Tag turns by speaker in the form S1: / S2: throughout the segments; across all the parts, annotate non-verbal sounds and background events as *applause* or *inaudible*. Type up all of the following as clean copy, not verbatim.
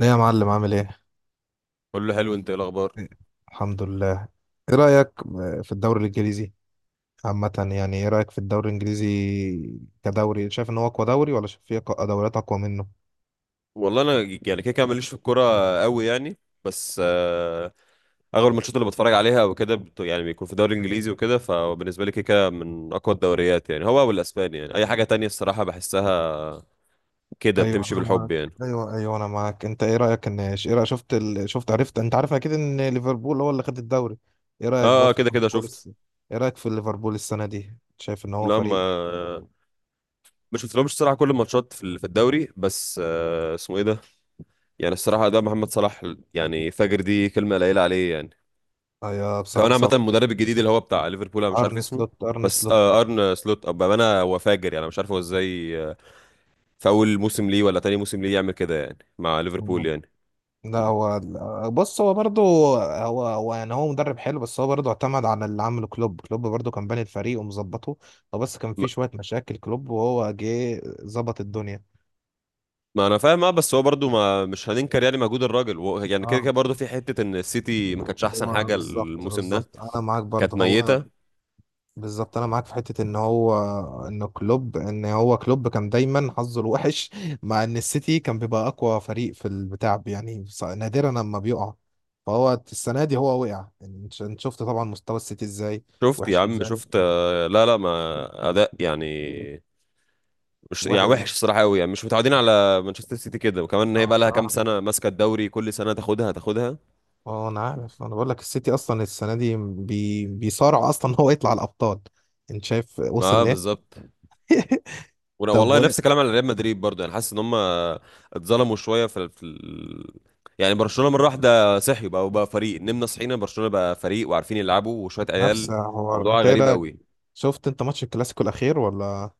S1: ايه يا معلم عامل ايه؟
S2: كله حلو، انت ايه الاخبار؟
S1: الحمد لله. ايه رأيك في الدوري الانجليزي؟ عامة يعني ايه رأيك في الدوري الانجليزي؟ كدوري شايف ان هو اقوى دوري ولا شايف في دوريات اقوى منه؟
S2: والله انا يعني كده كده ماليش في الكوره قوي يعني. بس اغلب الماتشات اللي بتفرج عليها وكده يعني بيكون في الدوري الانجليزي وكده، فبالنسبه لي كده كده من اقوى الدوريات، يعني هو والاسباني. يعني اي حاجه تانية الصراحه بحسها كده
S1: ايوه
S2: بتمشي
S1: انا معاك.
S2: بالحب يعني.
S1: ايوه، ايوه، انا معاك. انت ايه رأيك ان ايه رأيك شفت، عرفت، انت عارف اكيد ان ليفربول هو اللي خد الدوري. ايه رأيك بقى
S2: اه
S1: في
S2: كده كده
S1: ليفربول
S2: شفت.
S1: الس... ايه رأيك في ليفربول السنة دي؟ شايف ان هو
S2: لا، ما
S1: فريق.
S2: ما شفتلهمش الصراحه كل الماتشات في في الدوري. بس آه، اسمه ايه ده، يعني الصراحه ده محمد صلاح. يعني فجر دي كلمه قليله عليه يعني.
S1: ايوه بصراحة
S2: كمان عامة
S1: صلاح.
S2: المدرب الجديد اللي هو بتاع ليفربول انا مش
S1: ارن
S2: عارف اسمه،
S1: سلوت، ارن
S2: بس
S1: سلوت
S2: ارن سلوت ابقى انا هو فاجر يعني. أنا مش عارف هو ازاي في اول موسم ليه ولا تاني موسم ليه يعمل كده يعني مع ليفربول يعني.
S1: لا هو، بص هو برضه هو هو مدرب حلو، بس هو برضه اعتمد على اللي عمله كلوب. كلوب برضه كان باني الفريق ومظبطه، هو بس كان فيه
S2: ما,
S1: شوية مشاكل. كلوب وهو جه ظبط الدنيا.
S2: ما انا فاهم، اه بس هو برضو ما مش هننكر يعني مجهود الراجل يعني كده
S1: اه،
S2: كده برضو في حتة ان السيتي ما كانتش احسن
S1: هو
S2: حاجة
S1: بالظبط
S2: الموسم ده،
S1: بالظبط انا معاك
S2: كانت
S1: برضه. هو
S2: ميتة.
S1: بالظبط انا معاك في حته ان هو، كلوب كان دايما حظه الوحش *laughs* مع ان السيتي كان بيبقى اقوى فريق في البتاع، يعني نادرا لما بيقع، فهو السنه دي هو وقع. يعني انت شفت طبعا مستوى السيتي ازاي،
S2: شفت يا
S1: وحش
S2: عم،
S1: ازاي.
S2: شفت لا لا، ما اداء يعني مش يعني
S1: واحد،
S2: وحش الصراحة قوي يعني، مش متعودين على مانشستر سيتي كده. وكمان ان هي
S1: اه
S2: بقى لها كام
S1: بصراحة.
S2: سنة ماسكة الدوري كل سنة تاخدها تاخدها.
S1: اه انا عارف، انا بقول لك السيتي اصلا السنة دي بيصارع اصلا ان هو يطلع الابطال. انت شايف
S2: ما
S1: وصل ليه؟
S2: بالظبط.
S1: *laughs* طب
S2: والله نفس الكلام على ريال مدريد برضه، يعني حاسس ان هم اتظلموا شويه في يعني برشلونه مره واحده صحي بقى وبقى فريق، نمنا صحينا برشلونه بقى فريق وعارفين يلعبوا وشويه
S1: نفس
S2: عيال.
S1: حوار،
S2: موضوع
S1: انت ايه
S2: غريب
S1: رأيك؟
S2: قوي.
S1: شفت انت ماتش الكلاسيكو الاخير ولا؟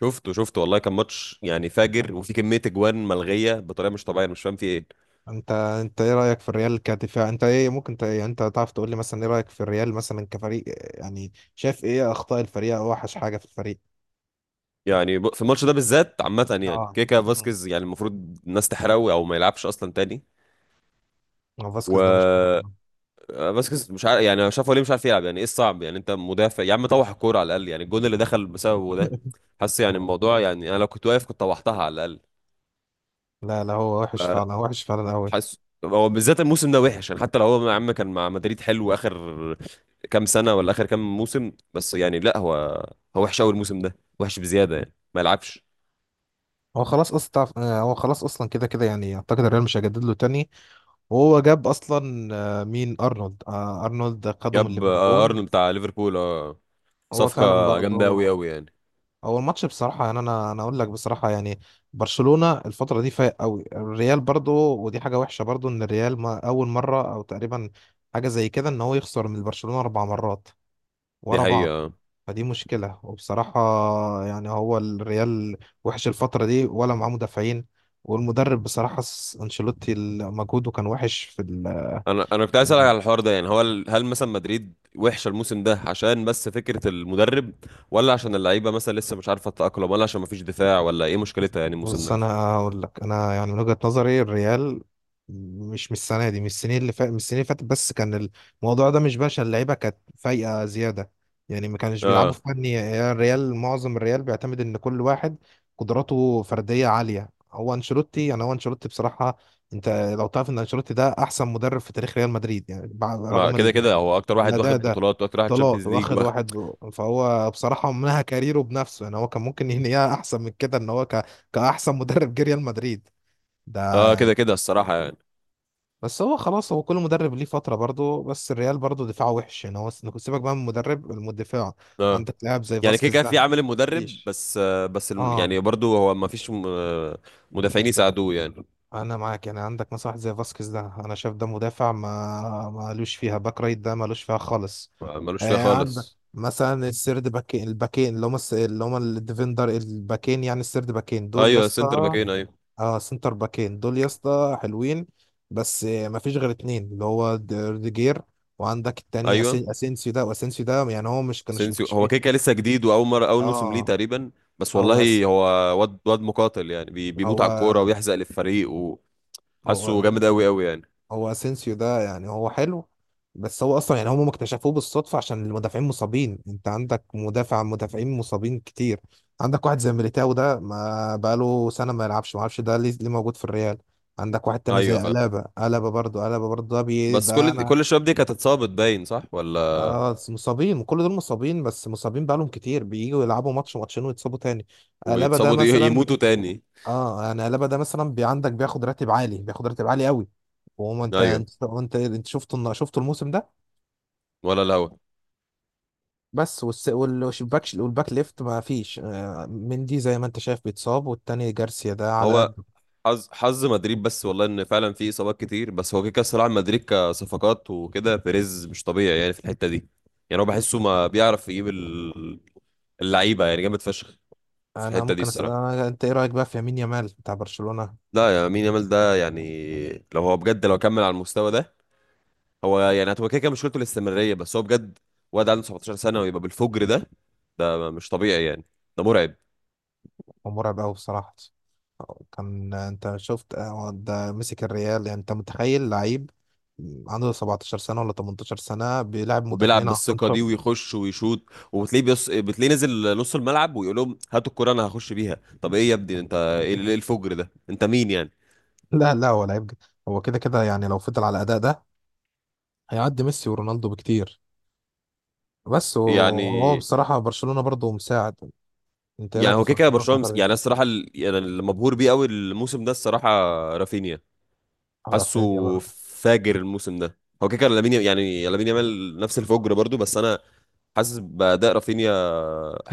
S2: شفته شفته والله، كان ماتش يعني فاجر، وفي كميه اجوان ملغيه بطريقه مش طبيعيه. أنا مش فاهم في ايه.
S1: انت ايه رأيك في الريال كدفاع؟ انت ايه ممكن، انت تعرف تقول لي مثلا ايه رأيك في الريال مثلا كفريق؟ يعني شايف ايه اخطاء الفريق او اوحش حاجة في الفريق؟
S2: يعني في الماتش ده بالذات عامه يعني
S1: اه.
S2: كيكا
S1: مم.
S2: فاسكيز، يعني المفروض الناس تحرقه او ما يلعبش اصلا تاني.
S1: هو فاسكيز ده مش؟
S2: و آه، فاسكيز مش عارف يعني شافه ليه، مش عارف يلعب يعني. ايه الصعب يعني؟ انت مدافع يا عم، طوح الكوره على الاقل. يعني الجون اللي دخل بسببه ده،
S1: *laughs*
S2: حاسس يعني الموضوع يعني انا لو كنت واقف كنت طوحتها على الاقل.
S1: لا هو
S2: ف-
S1: وحش فعلا، وحش فعلا قوي.
S2: حاسس هو بالذات الموسم ده وحش، يعني حتى لو هو يا عم كان مع مدريد حلو اخر كام سنه ولا اخر كام موسم، بس يعني لا هو هو وحش قوي الموسم ده، وحش بزياده يعني ما يلعبش.
S1: هو خلاص اصلا، هو خلاص اصلا كده كده، يعني اعتقد الريال مش هيجدد له تاني. وهو جاب اصلا، مين، ارنولد. ارنولد خده من
S2: جاب آه،
S1: ليفربول.
S2: ارنولد بتاع ليفربول، اه
S1: هو
S2: صفقه
S1: فعلا
S2: جامده قوي
S1: برضه.
S2: قوي يعني.
S1: هو الماتش بصراحه، يعني انا اقول لك بصراحه، يعني برشلونه الفتره دي فايق قوي الريال برضه، ودي حاجه وحشه برضه، ان الريال ما اول مره او تقريبا حاجه زي كده ان هو يخسر من برشلونه اربع مرات
S2: دي
S1: ورا بعض.
S2: حقيقه.
S1: فدي مشكلة، وبصراحة يعني هو الريال وحش الفترة دي، ولا معاه مدافعين، والمدرب بصراحة، أنشيلوتي مجهوده كان وحش في.
S2: انا انا كنت عايز اسالك على الحوار ده، يعني هو هل مثلا مدريد وحشه الموسم ده عشان بس فكره المدرب، ولا عشان اللعيبه مثلا لسه مش عارفه تتاقلم، ولا عشان مفيش دفاع، ولا ايه مشكلتها يعني الموسم
S1: بص
S2: ده؟
S1: انا هقول لك، انا يعني من وجهة نظري الريال مش من السنه دي، من السنين اللي فاتت، بس كان الموضوع ده مش باشا، اللعيبه كانت فايقه زياده، يعني ما كانش بيلعبوا في
S2: اه
S1: فني. يعني الريال، معظم الريال بيعتمد ان كل واحد قدراته فرديه عاليه. هو انشيلوتي، بصراحه انت لو تعرف ان انشيلوتي ده احسن مدرب في تاريخ ريال مدريد يعني،
S2: ما كده
S1: رغم،
S2: كده هو اكتر
S1: لا
S2: واحد
S1: ده
S2: واخد
S1: ده
S2: بطولات واكتر واحد
S1: طلعت
S2: تشامبيونز ليج
S1: واخد
S2: واخد.
S1: واحد، فهو بصراحة منها كاريره بنفسه، يعني هو كان ممكن ينهيها أحسن من كده، كأحسن مدرب جه ريال مدريد ده
S2: اه كده
S1: يعني.
S2: كده الصراحه يعني.
S1: بس هو خلاص، هو كل مدرب ليه فترة برضه، بس الريال برضه دفاعه وحش يعني. هو سيبك بقى من المدرب، المدافع
S2: اه
S1: عندك لاعب زي
S2: يعني كده
S1: فاسكيز
S2: كده في
S1: ده.
S2: عامل المدرب،
S1: مفيش.
S2: بس آه بس
S1: اه،
S2: يعني برضو هو مفيش آه، مدافعين يساعدوه يعني.
S1: انا معاك. يعني عندك مثلا واحد زي فاسكيز ده، انا شايف ده مدافع ما مالوش فيها، باك رايت ده مالوش فيها خالص.
S2: آه، ملوش فيها
S1: آه، عندك
S2: خالص.
S1: مثلا السيرد باكين، الباكين اللي هم الديفندر، الباكين يعني السيرد باكين دول يا
S2: ايوه سنتر
S1: اسطى.
S2: باكين ايوه.
S1: اه سنتر باكين دول يا اسطى حلوين، بس آه ما فيش غير اتنين، اللي هو روديجير، وعندك التاني،
S2: ايوه
S1: اسينسيو ده. واسينسيو ده يعني هو مش
S2: اسينسيو هو
S1: مكتشفين.
S2: كده كده لسه جديد واول مره اول موسم ليه
S1: اه.
S2: تقريبا، بس
S1: هو أس...
S2: والله هو واد واد مقاتل يعني بي بيموت
S1: هو
S2: على الكوره ويحزق للفريق، وحاسه
S1: هو
S2: جامد قوي قوي يعني.
S1: هو اسينسيو ده يعني هو حلو، بس هو اصلا يعني هم اكتشفوه بالصدفه عشان المدافعين مصابين. انت عندك مدافعين مصابين كتير. عندك واحد زي ميليتاو ده، ما بقاله سنه ما يلعبش، ما اعرفش ده ليه، ليه موجود في الريال؟ عندك واحد تاني
S2: ايوه
S1: زي
S2: فاهم.
S1: ألابا، ألابا برضه ده، بي
S2: بس
S1: ده
S2: كل
S1: انا
S2: كل الشباب دي كانت اتصابت باين صح ولا؟
S1: اه مصابين، كل دول مصابين، بس مصابين بقالهم كتير بييجوا يلعبوا ماتش ماتشين ويتصابوا تاني. ألابا ده مثلا،
S2: يموتوا تاني.
S1: اه يعني قلابه ده مثلا، عندك بياخد راتب عالي، بياخد راتب عالي قوي، وما انت
S2: ايوه.
S1: انت انت انت شفته الموسم ده،
S2: ولا الهوا؟
S1: بس والباك ليفت ما فيش، مندي زي ما انت شايف بيتصاب، والتاني جارسيا ده على
S2: هو
S1: قده.
S2: حظ حظ مدريد. بس والله ان فعلا في اصابات كتير، بس هو كده كده الصراحه مدريد كصفقات وكده بيريز مش طبيعي يعني في الحته دي. يعني هو بحسه ما بيعرف يجيب اللعيبه يعني جامد فشخ في
S1: انا
S2: الحته دي
S1: ممكن اسال،
S2: الصراحه.
S1: انت ايه رايك بقى في يمين يامال بتاع برشلونه؟
S2: لا، يا مين يامال ده يعني، لو هو بجد لو كمل على المستوى ده، هو يعني هتبقى كده كده مشكلته الاستمرارية. بس هو بجد واد عنده 17 سنة ويبقى بالفجر ده، ده مش طبيعي يعني، ده مرعب.
S1: هو مرعب قوي بصراحه. كان انت شفت، ده مسك الريال، يعني انت متخيل لعيب عنده 17 سنه ولا 18 سنه بيلعب
S2: وبيلعب
S1: مدافعين عندهم
S2: بالثقة دي
S1: خبره؟
S2: ويخش ويشوط، وبتلاقيه بتلاقيه نزل نص الملعب ويقول لهم هاتوا الكرة انا هخش بيها. طب ايه يا ابني؟ انت ايه؟ إيه الفجر ده؟ انت مين يعني؟
S1: لا هو لعيب، هو كده كده يعني لو فضل على الاداء ده هيعدي ميسي ورونالدو بكتير. بس وهو
S2: يعني
S1: بصراحة برشلونة برضه مساعد. انت ايه
S2: يعني
S1: رايك في
S2: هو كده كده
S1: برشلونة
S2: برشلونة
S1: الفترة
S2: يعني أنا
S1: دي؟
S2: الصراحة يعني اللي مبهور بيه قوي الموسم ده الصراحة رافينيا. حاسه
S1: رافينيا برضه.
S2: فاجر الموسم ده. هو كده كده لامين، يعني لامين يامال نفس الفجر برضو، بس انا حاسس بأداء رافينيا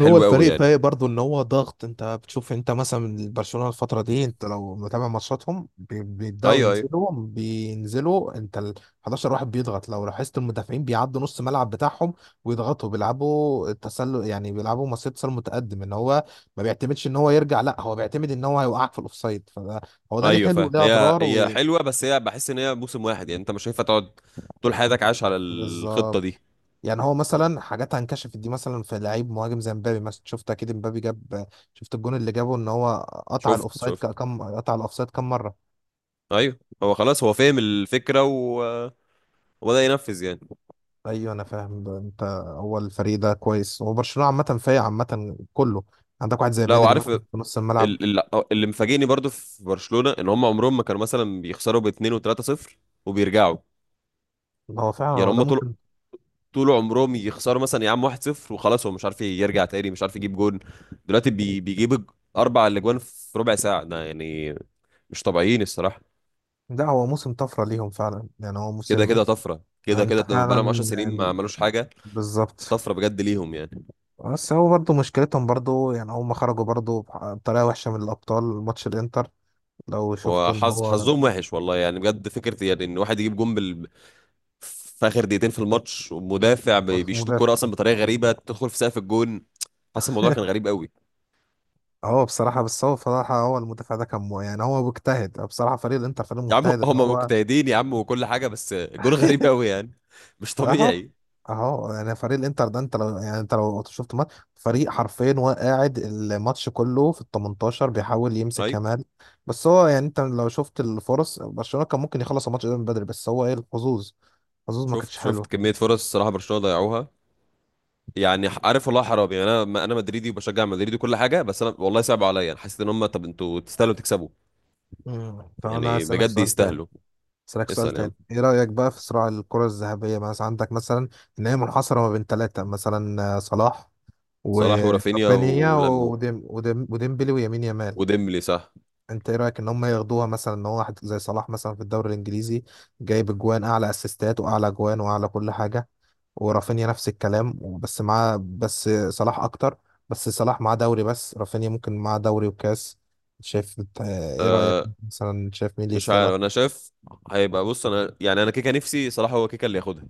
S1: هو
S2: قوي
S1: الفريق
S2: يعني.
S1: فايق برضه ان هو ضغط، انت بتشوف انت مثلا برشلونة الفترة دي، انت لو متابع ماتشاتهم بيبدأوا
S2: ايوه ايوه.
S1: ينزلوا، بينزلوا انت ال 11 واحد بيضغط. لو لاحظت المدافعين بيعدوا نص الملعب بتاعهم ويضغطوا، بيلعبوا التسلل يعني، بيلعبوا مصيدة تسلل متقدم. ان هو ما بيعتمدش ان هو يرجع، لا هو بيعتمد ان هو هيوقعك في الاوفسايد، فده هو ده ليه
S2: ايوه
S1: حلو
S2: فاهم.
S1: وليه
S2: هي
S1: اضرار.
S2: هي حلوه، بس هي بحس ان هي موسم واحد يعني، انت مش هينفع تقعد طول حياتك عايش على الخطه
S1: بالظبط.
S2: دي.
S1: يعني هو مثلا حاجات هنكشفت دي، مثلا في لعيب مهاجم زي مبابي مثلا، شفت اكيد مبابي جاب، شفت الجون اللي جابه ان هو قطع
S2: شفت
S1: الاوفسايد ك-
S2: شفت.
S1: كم قطع الاوفسايد كم مره.
S2: ايوه هو خلاص هو فاهم الفكره وبدأ ينفذ يعني.
S1: ايوه انا فاهم ده انت. هو الفريق ده كويس، هو برشلونه عامه فايق عامه كله. عندك واحد زي
S2: لا
S1: بدري
S2: وعارف
S1: مثلا في نص الملعب.
S2: اللي مفاجئني برضو في برشلونه ان هم عمرهم ما كانوا مثلا بيخسروا ب2 و3 صفر وبيرجعوا.
S1: هو فعلا
S2: يعني
S1: هو
S2: هم
S1: ده
S2: طول
S1: موسم.
S2: طول عمرهم يخسروا مثلا يا عم 1-0 وخلاص، هو مش عارف يرجع تاني، مش عارف يجيب جون. دلوقتي 4 اجوان في ربع ساعه ده يعني، مش طبيعيين الصراحه.
S1: ده هو موسم طفره ليهم فعلا يعني، هو
S2: كده
S1: موسم.
S2: كده طفره، كده
S1: انت
S2: كده بقى لهم 10
S1: فعلا
S2: سنين ما عملوش حاجه،
S1: بالظبط.
S2: طفره بجد ليهم يعني.
S1: بس هو برضه مشكلتهم برضه يعني هم خرجوا برضه بطريقة وحشة من الأبطال ماتش الإنتر، لو شفته ان
S2: وحظ
S1: هو،
S2: حظهم وحش والله يعني بجد. فكره يعني ان واحد يجيب جون في اخر دقيقتين في الماتش، ومدافع
S1: بس
S2: بيشوط
S1: مدافع.
S2: الكوره اصلا بطريقه غريبه تدخل في سقف الجون. حاسس الموضوع كان
S1: *laughs*
S2: غريب قوي.
S1: هو بصراحة، بس هو بصراحة هو المدافع ده كان، يعني هو مجتهد بصراحة. فريق الانتر فريق
S2: يا عم
S1: مجتهد ان
S2: هم
S1: هو.
S2: مجتهدين يا عم وكل حاجه، بس الجون
S1: *laughs*
S2: غريب قوي يعني، مش
S1: اهو،
S2: طبيعي.
S1: اهو يعني فريق الانتر ده، انت لو يعني انت لو شفت ماتش، فريق حرفيا هو قاعد الماتش كله في ال 18 بيحاول يمسك
S2: ايوه
S1: كمال. بس هو يعني انت لو شفت الفرص، برشلونة كان ممكن يخلص الماتش ده من بدري، بس هو ايه الحظوظ، الحظوظ ما
S2: شفت
S1: كانتش
S2: شفت
S1: حلوة.
S2: كمية فرص الصراحة برشلونة ضيعوها. يعني عارف والله حرام يعني. انا انا مدريدي وبشجع مدريد وكل حاجة، بس انا والله صعب عليا، انا حسيت ان هم طب انتوا تستاهلوا تكسبوا،
S1: طب انا
S2: يعني
S1: هسألك
S2: بجد
S1: سؤال تاني،
S2: يستاهلوا.
S1: اسالك سؤال
S2: اسأل يعني.
S1: تاني. ايه رايك بقى في صراع الكره الذهبيه؟ مثلا عندك مثلا ان هي منحصره ما بين ثلاثه مثلا، صلاح
S2: صلاح ورافينيا
S1: ورافينيا
S2: ولم
S1: وديمبلي ويمين يامال.
S2: وديمبلي صح.
S1: انت ايه رايك ان هم ياخدوها؟ مثلا ان هو واحد زي صلاح مثلا في الدوري الانجليزي جايب اجوان، اعلى اسيستات واعلى اجوان واعلى كل حاجه، ورافينيا نفس الكلام بس معاه، بس صلاح اكتر، بس صلاح معاه دوري بس، رافينيا ممكن معاه دوري وكاس. شايف انت- آه، ايه رايك مثلا؟ شايف مين اللي
S2: مش عارف،
S1: يستاهلها؟
S2: انا شايف هيبقى، بص انا يعني انا كيكا نفسي صلاح هو كيكا اللي ياخدها،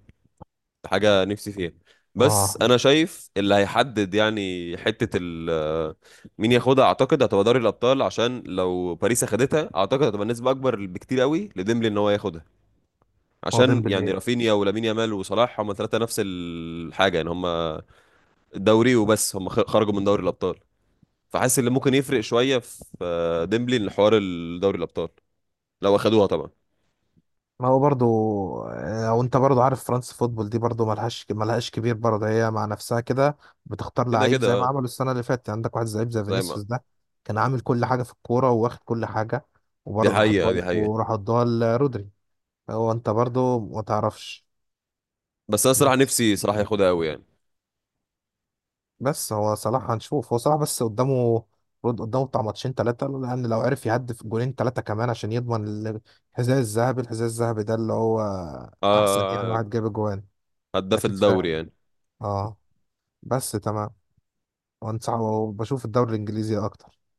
S2: حاجة نفسي فيها. بس
S1: اه،
S2: انا شايف اللي هيحدد يعني حتة ال مين ياخدها، اعتقد هتبقى دوري الابطال. عشان لو باريس اخدتها اعتقد هتبقى نسبة اكبر بكتير قوي لديمبلي ان هو ياخدها،
S1: هو
S2: عشان يعني
S1: ديمبلي.
S2: رافينيا ولامين يامال وصلاح هما 3 نفس الحاجة، يعني هما الدوري وبس، هما خرجوا من دوري الابطال. فحاسس اللي ممكن يفرق شوية في آه، ديمبلي ان حوار الدوري الابطال لو اخدوها طبعا.
S1: ما هو برضو، وانت برضو عارف فرنسا فوتبول دي برضو ملهاش كبير برضو، هي مع نفسها كده بتختار
S2: كده
S1: لعيب
S2: كده
S1: زي ما
S2: آه،
S1: عملوا السنة اللي فاتت. يعني عندك واحد لعيب زي
S2: زي ما
S1: فينيسيوس ده كان عامل كل حاجة في الكورة وواخد كل حاجة،
S2: دي
S1: وبرضو راح
S2: حقيقة دي حقيقة.
S1: وراح ادوها لرودري. هو انت برضو ما تعرفش.
S2: بس انا صراحة
S1: بس
S2: نفسي صراحة ياخدها قوي يعني.
S1: بس هو صلاح، هنشوف هو صلاح بس قدامه رد، قدامه بتاع ماتشين ثلاثة. لأن لو عرف يهدف جولين ثلاثة كمان عشان يضمن الحذاء الذهبي. الحذاء الذهبي ده اللي هو أحسن يعني
S2: آه
S1: واحد جاب جوان.
S2: هداف
S1: أكيد
S2: الدوري
S1: فاهم.
S2: يعني.
S1: اه، بس تمام. وانصح، وبشوف الدوري الانجليزي اكتر.